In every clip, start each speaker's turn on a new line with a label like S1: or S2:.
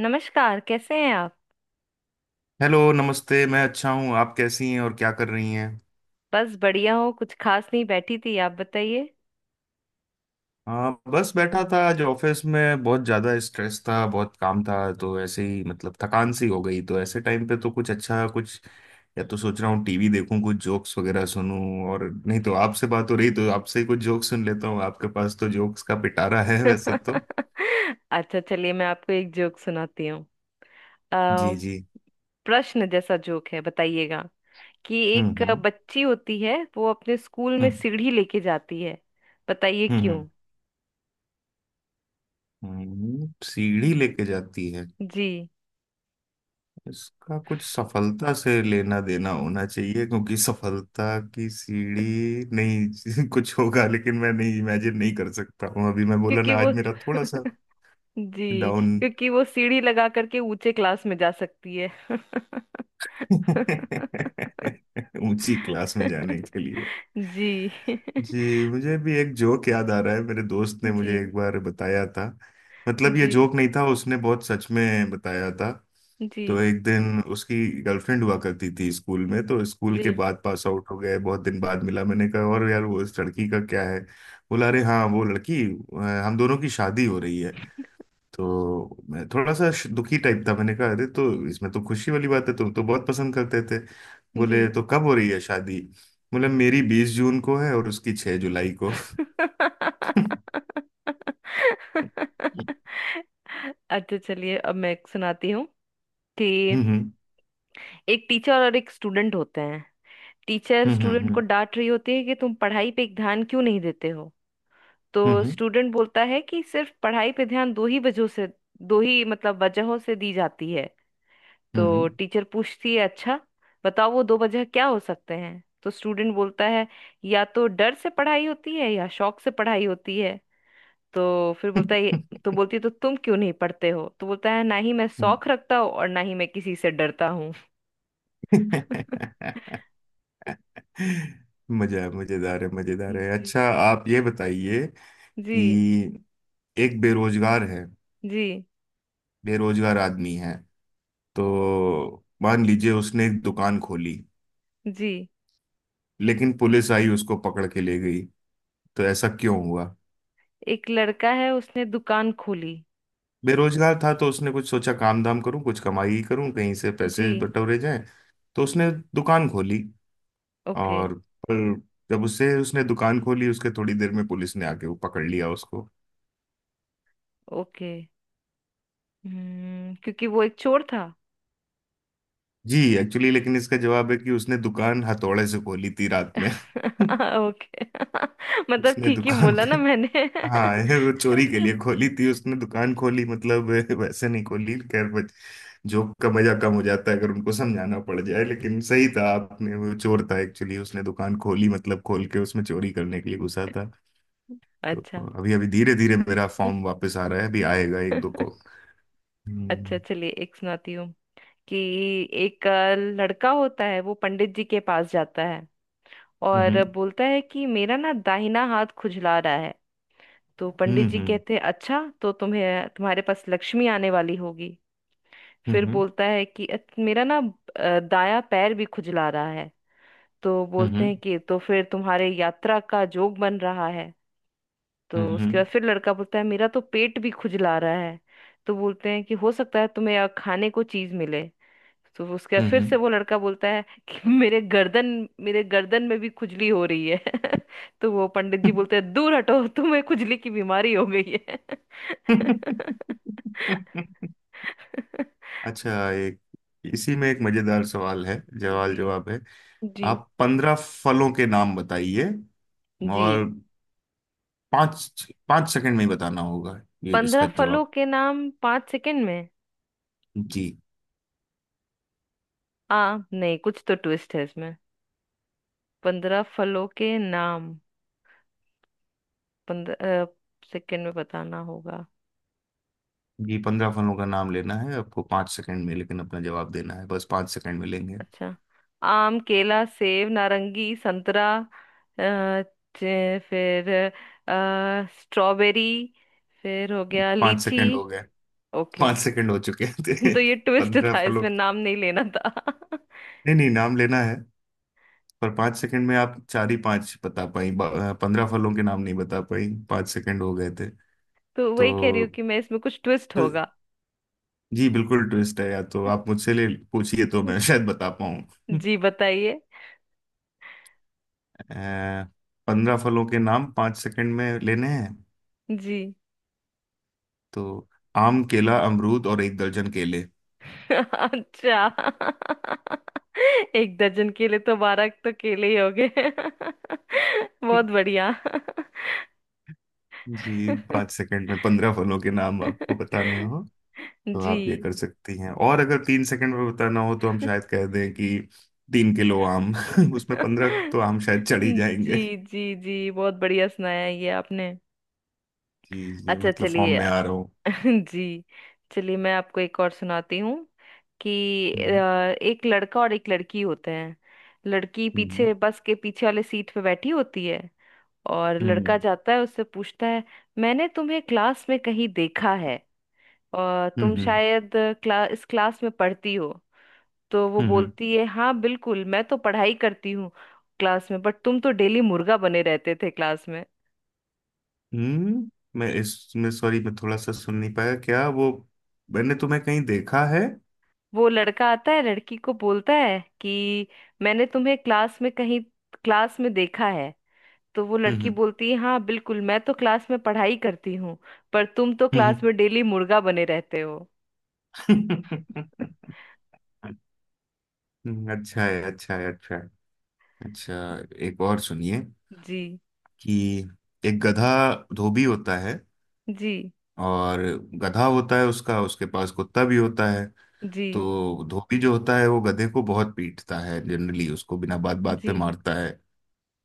S1: नमस्कार, कैसे हैं आप।
S2: हेलो, नमस्ते। मैं अच्छा हूँ। आप कैसी हैं और क्या कर रही हैं।
S1: बस बढ़िया हो, कुछ खास नहीं, बैठी थी। आप बताइए।
S2: हाँ, बस बैठा था। आज ऑफिस में बहुत ज़्यादा स्ट्रेस था, बहुत काम था। तो ऐसे ही मतलब थकान सी हो गई। तो ऐसे टाइम पे तो कुछ अच्छा कुछ या तो सोच रहा हूँ टीवी देखूँ, कुछ जोक्स वगैरह सुनूं, और नहीं तो आपसे बात हो रही तो आपसे ही कुछ जोक्स सुन लेता हूँ। आपके पास तो जोक्स का पिटारा है वैसे तो।
S1: अच्छा, चलिए मैं आपको एक जोक सुनाती हूँ। अ,
S2: जी जी।
S1: प्रश्न जैसा जोक है, बताइएगा कि
S2: हम्म।
S1: एक
S2: हम्म।
S1: बच्ची होती है, वो अपने स्कूल में
S2: हम्म।
S1: सीढ़ी लेके जाती है। बताइए क्यों।
S2: हम्म। सीढ़ी लेके जाती है।
S1: जी,
S2: इसका कुछ सफलता से लेना देना होना चाहिए, क्योंकि सफलता की सीढ़ी। नहीं कुछ होगा लेकिन मैं नहीं इमेजिन नहीं कर सकता हूँ अभी। मैं बोला
S1: क्योंकि
S2: ना
S1: वो
S2: आज मेरा थोड़ा सा
S1: जी,
S2: डाउन।
S1: क्योंकि वो सीढ़ी लगा करके ऊंचे क्लास में जा सकती है।
S2: ऊंची क्लास में जाने के लिए।
S1: जी।
S2: जी, मुझे भी एक जोक याद आ रहा है, मेरे दोस्त ने
S1: जी।
S2: मुझे एक बार बताया था। मतलब ये
S1: जी।
S2: जोक नहीं था, उसने बहुत सच में बताया था।
S1: जी।
S2: तो एक दिन उसकी गर्लफ्रेंड हुआ करती थी स्कूल में। तो स्कूल
S1: जी।
S2: के बाद पास आउट हो गए, बहुत दिन बाद मिला। मैंने कहा और यार वो इस लड़की का क्या है। बोला अरे हाँ, वो लड़की हम दोनों की शादी हो रही है। तो मैं थोड़ा सा दुखी टाइप था। मैंने कहा अरे तो इसमें तो खुशी वाली बात है, तुम तो बहुत पसंद करते थे।
S1: जी।
S2: बोले तो कब हो रही है शादी। बोले मेरी 20 जून को है और उसकी 6 जुलाई को। हम्म।
S1: अच्छा, चलिए अब मैं एक सुनाती हूँ कि
S2: हम्म।
S1: एक टीचर और एक स्टूडेंट होते हैं। टीचर
S2: हम्म।
S1: स्टूडेंट को
S2: हम्म।
S1: डांट रही होती है कि तुम पढ़ाई पे एक ध्यान क्यों नहीं देते हो। तो
S2: हम्म।
S1: स्टूडेंट बोलता है कि सिर्फ पढ़ाई पे ध्यान दो ही वजहों से, दो ही मतलब वजहों से दी जाती है।
S2: हम्म।
S1: तो
S2: हम्म।
S1: टीचर पूछती है, अच्छा बताओ वो दो वजह क्या हो सकते हैं। तो स्टूडेंट बोलता है, या तो डर से पढ़ाई होती है, या शौक से पढ़ाई होती है। तो फिर बोलता है, तो बोलती है तो तुम क्यों नहीं पढ़ते हो। तो बोलता है, ना ही मैं
S2: हम्म,
S1: शौक रखता हूँ और ना ही मैं किसी से डरता हूँ।
S2: हम्म। मजा, मजेदार है मजेदार है।
S1: जी।
S2: अच्छा आप ये बताइए
S1: जी।
S2: कि एक बेरोजगार है।
S1: जी।
S2: बेरोजगार आदमी है। तो मान लीजिए उसने एक दुकान खोली,
S1: जी।
S2: लेकिन पुलिस आई, उसको पकड़ के ले गई। तो ऐसा क्यों हुआ।
S1: एक लड़का है, उसने दुकान खोली।
S2: बेरोजगार था तो उसने कुछ सोचा काम धाम करूं, कुछ कमाई करूं, कहीं से
S1: जी।
S2: पैसे बटोरे जाएं। तो उसने दुकान खोली
S1: ओके।
S2: और पर जब उससे उसने दुकान खोली उसके थोड़ी देर में पुलिस ने आके वो पकड़ लिया उसको।
S1: ओके। क्योंकि वो एक चोर था।
S2: जी एक्चुअली, लेकिन इसका जवाब है कि उसने दुकान हथौड़े से खोली थी रात में।
S1: ओके। मतलब
S2: उसने
S1: ठीक ही
S2: दुकान
S1: बोला ना
S2: का,
S1: मैंने।
S2: हाँ ये वो चोरी के लिए खोली थी। उसने दुकान खोली मतलब वैसे नहीं खोली, खैर। जोक का मजा कम हो जाता है अगर उनको समझाना पड़ जाए, लेकिन सही था आपने, वो चोर था एक्चुअली, उसने दुकान खोली मतलब खोल के उसमें चोरी करने के लिए घुसा था। तो
S1: अच्छा।
S2: अभी अभी धीरे धीरे मेरा फॉर्म वापस आ रहा है, अभी आएगा एक दो को।
S1: अच्छा,
S2: हम्म।
S1: चलिए एक सुनाती हूँ कि एक लड़का होता है, वो पंडित जी के पास जाता है और
S2: हम्म।
S1: बोलता है कि मेरा ना दाहिना हाथ खुजला रहा है। तो पंडित
S2: हम्म।
S1: जी
S2: हम्म।
S1: कहते हैं, अच्छा तो तुम्हें, तुम्हारे पास लक्ष्मी आने वाली होगी। फिर
S2: हम्म।
S1: बोलता है कि मेरा ना दायां पैर भी खुजला रहा है। तो बोलते
S2: हम्म।
S1: हैं कि तो फिर तुम्हारे यात्रा का जोग बन रहा है। तो
S2: हम्म।
S1: उसके बाद
S2: हम्म।
S1: फिर लड़का बोलता है, मेरा तो पेट भी खुजला रहा है। तो बोलते हैं कि हो सकता है तुम्हें यहाँ खाने को चीज मिले। तो उसके बाद फिर से
S2: हम्म,
S1: वो लड़का बोलता है कि मेरे गर्दन में भी खुजली हो रही है। तो वो पंडित जी
S2: हम्म।
S1: बोलते हैं, दूर हटो, तुम्हें खुजली की बीमारी हो गई है।
S2: अच्छा, एक इसी में एक मजेदार सवाल है, सवाल
S1: जी।
S2: जवाब है।
S1: जी।
S2: आप 15 फलों के नाम बताइए,
S1: जी
S2: और 5-5 सेकंड में ही बताना होगा। ये
S1: 15
S2: इसका
S1: फलों
S2: जवाब।
S1: के नाम 5 सेकंड में।
S2: जी
S1: आ, नहीं, कुछ तो ट्विस्ट है इसमें। पंद्रह फलों के नाम 15 सेकंड में बताना होगा।
S2: जी, 15 फलों का नाम लेना है आपको 5 सेकंड में, लेकिन अपना जवाब देना है बस 5 सेकंड में लेंगे।
S1: अच्छा, आम, केला, सेब, नारंगी, संतरा, अ, फिर स्ट्रॉबेरी, फिर हो गया
S2: पांच
S1: लीची।
S2: सेकंड हो गए।
S1: ओके।
S2: पांच सेकंड हो चुके थे।
S1: तो ये ट्विस्ट
S2: 15
S1: था
S2: फलों।
S1: इसमें, नाम नहीं लेना था।
S2: नहीं नहीं, नाम लेना है। पर 5 सेकंड में आप चार ही पांच बता पाई, 15 फलों के नाम नहीं बता पाई, 5 सेकंड हो गए थे।
S1: तो वही कह रही हूँ
S2: तो,
S1: कि मैं, इसमें कुछ ट्विस्ट
S2: तो
S1: होगा।
S2: जी बिल्कुल ट्विस्ट है, या तो आप मुझसे ले पूछिए, तो मैं शायद बता पाऊं।
S1: जी बताइए।
S2: पंद्रह फलों के नाम 5 सेकंड में लेने हैं,
S1: जी।
S2: तो आम, केला, अमरूद, और एक दर्जन केले।
S1: अच्छा। एक दर्जन केले तो 12 तो केले ही हो गए। बहुत बढ़िया।
S2: जी, पांच सेकंड में 15 फलों के नाम आपको बताने हो तो
S1: जी।
S2: आप ये कर सकती हैं। और अगर 3 सेकंड में बताना हो तो हम शायद कह दें कि 3 किलो आम। उसमें 15 तो आम शायद चढ़ ही जाएंगे।
S1: जी। जी। जी बहुत बढ़िया सुनाया ये आपने।
S2: जी जी,
S1: अच्छा,
S2: मतलब फॉर्म
S1: चलिए।
S2: में आ रहा हूँ।
S1: जी। चलिए मैं आपको एक और सुनाती हूँ कि
S2: हम्म।
S1: एक लड़का और एक लड़की होते हैं। लड़की
S2: हम्म।
S1: पीछे, बस के पीछे वाले सीट पे बैठी होती है। और लड़का
S2: हम्म।
S1: जाता है, उससे पूछता है, मैंने तुम्हें क्लास में कहीं देखा है और तुम
S2: हम्म।
S1: शायद इस क्लास में पढ़ती हो। तो वो
S2: हम्म।
S1: बोलती है, हाँ बिल्कुल मैं तो पढ़ाई करती हूँ क्लास में, बट तुम तो डेली मुर्गा बने रहते थे क्लास में।
S2: हम्म। मैं इसमें सॉरी, मैं थोड़ा सा सुन नहीं पाया। क्या वो मैंने तुम्हें कहीं देखा है।
S1: वो लड़का आता है, लड़की को बोलता है कि मैंने तुम्हें क्लास में कहीं, क्लास में देखा है। तो वो लड़की
S2: हम्म।
S1: बोलती है, हाँ बिल्कुल मैं तो क्लास में पढ़ाई करती हूँ, पर तुम तो
S2: हम्म।
S1: क्लास में डेली मुर्गा बने रहते हो।
S2: हम्म, अच्छा है अच्छा है अच्छा है। अच्छा, एक और सुनिए
S1: जी।
S2: कि एक गधा, धोबी होता है,
S1: जी।
S2: और गधा होता है उसका, उसके पास कुत्ता भी होता है।
S1: जी।
S2: तो धोबी जो होता है वो गधे को बहुत पीटता है जनरली, उसको बिना बात बात पे
S1: जी।
S2: मारता है।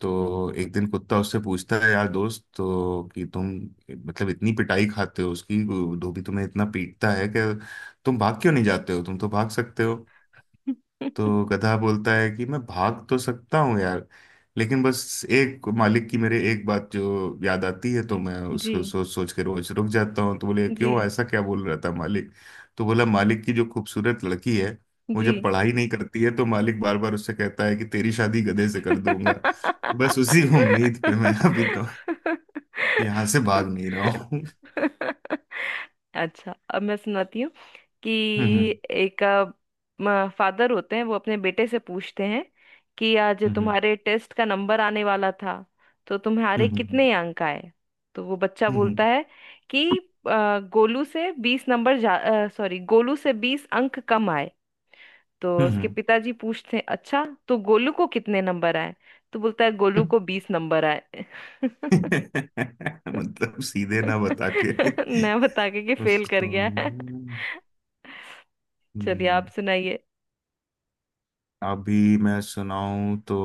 S2: तो एक दिन कुत्ता उससे पूछता है, यार दोस्त तो कि तुम मतलब इतनी पिटाई खाते हो उसकी, धोबी तुम्हें इतना पीटता है कि तुम भाग क्यों नहीं जाते हो, तुम तो भाग सकते हो। तो गधा बोलता है कि मैं भाग तो सकता हूँ यार, लेकिन बस एक मालिक की, मेरे एक बात जो याद आती है तो मैं
S1: जी।
S2: उसको सोच सोच के रोज रुक जाता हूँ। तो बोले
S1: जी।
S2: क्यों, ऐसा क्या बोल रहा था मालिक। तो बोला, मालिक की जो खूबसूरत लड़की है वो
S1: जी।
S2: जब पढ़ाई नहीं करती है तो मालिक बार बार उससे कहता है कि तेरी शादी गधे से कर दूंगा। तो बस उसी उम्मीद पे मैं अभी तो यहाँ से भाग नहीं रहा हूँ।
S1: अच्छा, अब मैं सुनाती हूँ कि
S2: हम्म।
S1: एक फादर होते हैं, वो अपने बेटे से पूछते हैं कि आज
S2: हम्म।
S1: तुम्हारे टेस्ट का नंबर आने वाला था, तो तुम्हारे
S2: हम्म। हम्म।
S1: कितने अंक आए। तो वो बच्चा बोलता
S2: हम्म।
S1: है कि गोलू से 20 नंबर जा, सॉरी, गोलू से 20 अंक कम आए। तो उसके
S2: हम्म।
S1: पिताजी पूछते हैं, अच्छा तो गोलू को कितने नंबर आए। तो बोलता है, गोलू
S2: हम्म।
S1: को 20 नंबर आए।
S2: मतलब सीधे ना बता के
S1: न बता के कि फेल कर
S2: उसको।
S1: गया है। चलिए, आप
S2: हम्म,
S1: सुनाइए।
S2: अभी मैं सुनाऊं तो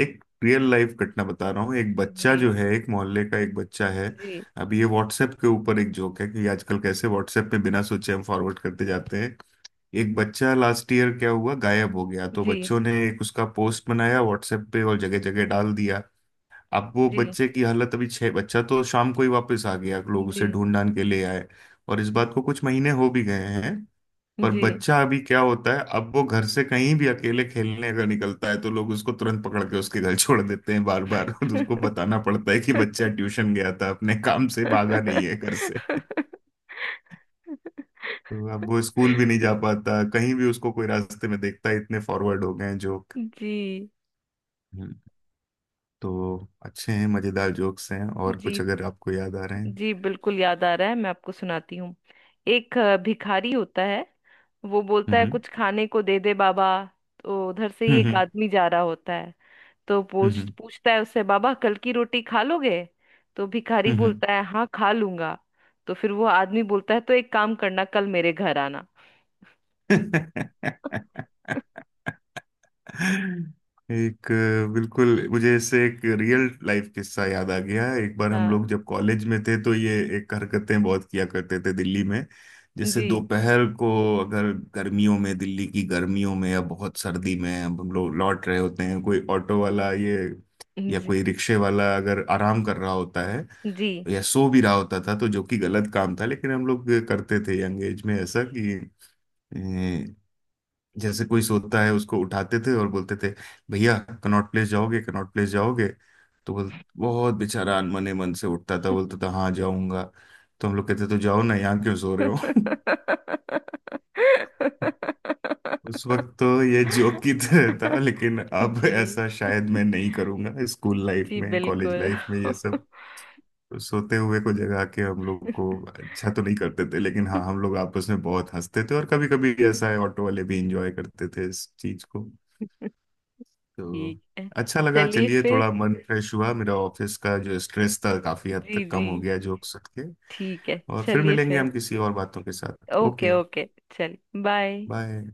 S2: एक रियल लाइफ घटना बता रहा हूँ। एक बच्चा
S1: जी।
S2: जो है, एक मोहल्ले का एक बच्चा है।
S1: जी।
S2: अभी ये व्हाट्सएप के ऊपर एक जोक है कि आजकल कैसे व्हाट्सएप पे बिना सोचे हम फॉरवर्ड करते जाते हैं। एक बच्चा लास्ट ईयर क्या हुआ, गायब हो गया, तो
S1: जी।
S2: बच्चों ने एक उसका पोस्ट बनाया व्हाट्सएप पे और जगह जगह डाल दिया। अब वो
S1: जी।
S2: बच्चे की हालत, अभी छह, बच्चा तो शाम को ही वापस आ गया, लोग
S1: जी।
S2: उसे ढूंढ ढांढ के ले आए, और इस बात को कुछ महीने हो भी गए हैं। पर
S1: जी।
S2: बच्चा अभी क्या होता है, अब वो घर से कहीं भी अकेले खेलने अगर निकलता है तो लोग उसको तुरंत पकड़ के उसके घर छोड़ देते हैं बार बार। तो उसको बताना पड़ता है कि बच्चा ट्यूशन गया था, अपने काम से, भागा नहीं है घर से। तो अब वो स्कूल भी नहीं जा पाता, कहीं भी उसको कोई रास्ते में देखता है। इतने फॉरवर्ड हो गए हैं जोक।
S1: जी।
S2: हम्म, तो अच्छे हैं, मजेदार जोक्स हैं। और
S1: जी।
S2: कुछ अगर आपको याद आ रहे हैं।
S1: जी बिल्कुल याद आ रहा है, मैं आपको सुनाती हूँ। एक भिखारी होता है, वो बोलता है,
S2: हम्म।
S1: कुछ खाने को दे दे बाबा। तो उधर से ही
S2: हम्म।
S1: एक
S2: हम्म।
S1: आदमी जा रहा होता है। तो पूछ
S2: हम्म।
S1: पूछता है उससे, बाबा कल की रोटी खा लोगे। तो भिखारी
S2: हम्म।
S1: बोलता है, हाँ खा लूंगा। तो फिर वो आदमी बोलता है, तो एक काम करना, कल मेरे घर आना।
S2: हम्म। एक बिल्कुल मुझे इससे एक रियल लाइफ किस्सा याद आ गया। एक बार हम
S1: हाँ।
S2: लोग जब कॉलेज में थे तो ये एक हरकतें बहुत किया करते थे दिल्ली में, जैसे
S1: जी।
S2: दोपहर को, अगर गर्मियों में, दिल्ली की गर्मियों में या बहुत सर्दी में, अब हम लोग लौट रहे होते हैं, कोई ऑटो वाला ये या
S1: जी।
S2: कोई रिक्शे वाला अगर आराम कर रहा होता है
S1: जी।
S2: या सो भी रहा होता था, तो जो कि गलत काम था लेकिन हम लोग करते थे यंग एज में ऐसा कि जैसे कोई सोता है उसको उठाते थे और बोलते थे, भैया कनॉट प्लेस जाओगे, कनॉट प्लेस जाओगे। तो बोल, बहुत बेचारा अनमने मन से उठता था, बोलता था हाँ जाऊंगा। तो हम लोग कहते तो जाओ ना, यहाँ क्यों सो रहे हो। उस वक्त तो ये जोक की तरह था लेकिन अब ऐसा
S1: जी।
S2: शायद मैं नहीं करूंगा। स्कूल लाइफ
S1: जी
S2: में, कॉलेज
S1: बिल्कुल।
S2: लाइफ में, ये सब सोते हुए को जगा के हम लोग को अच्छा तो नहीं करते थे, लेकिन हाँ हम लोग आपस में बहुत हंसते थे, और कभी कभी ऐसा है ऑटो वाले भी इंजॉय करते थे इस चीज को। तो
S1: ठीक है,
S2: अच्छा लगा,
S1: चलिए
S2: चलिए
S1: फिर।
S2: थोड़ा मन फ्रेश हुआ मेरा,
S1: जी।
S2: ऑफिस का जो स्ट्रेस था काफी हद
S1: जी।
S2: तक कम
S1: जी।
S2: हो गया जोक्स सुन के।
S1: ठीक है,
S2: और फिर
S1: चलिए
S2: मिलेंगे
S1: फिर।
S2: हम किसी और बातों के साथ।
S1: ओके।
S2: Okay,
S1: okay. चलिए, बाय।
S2: बाय।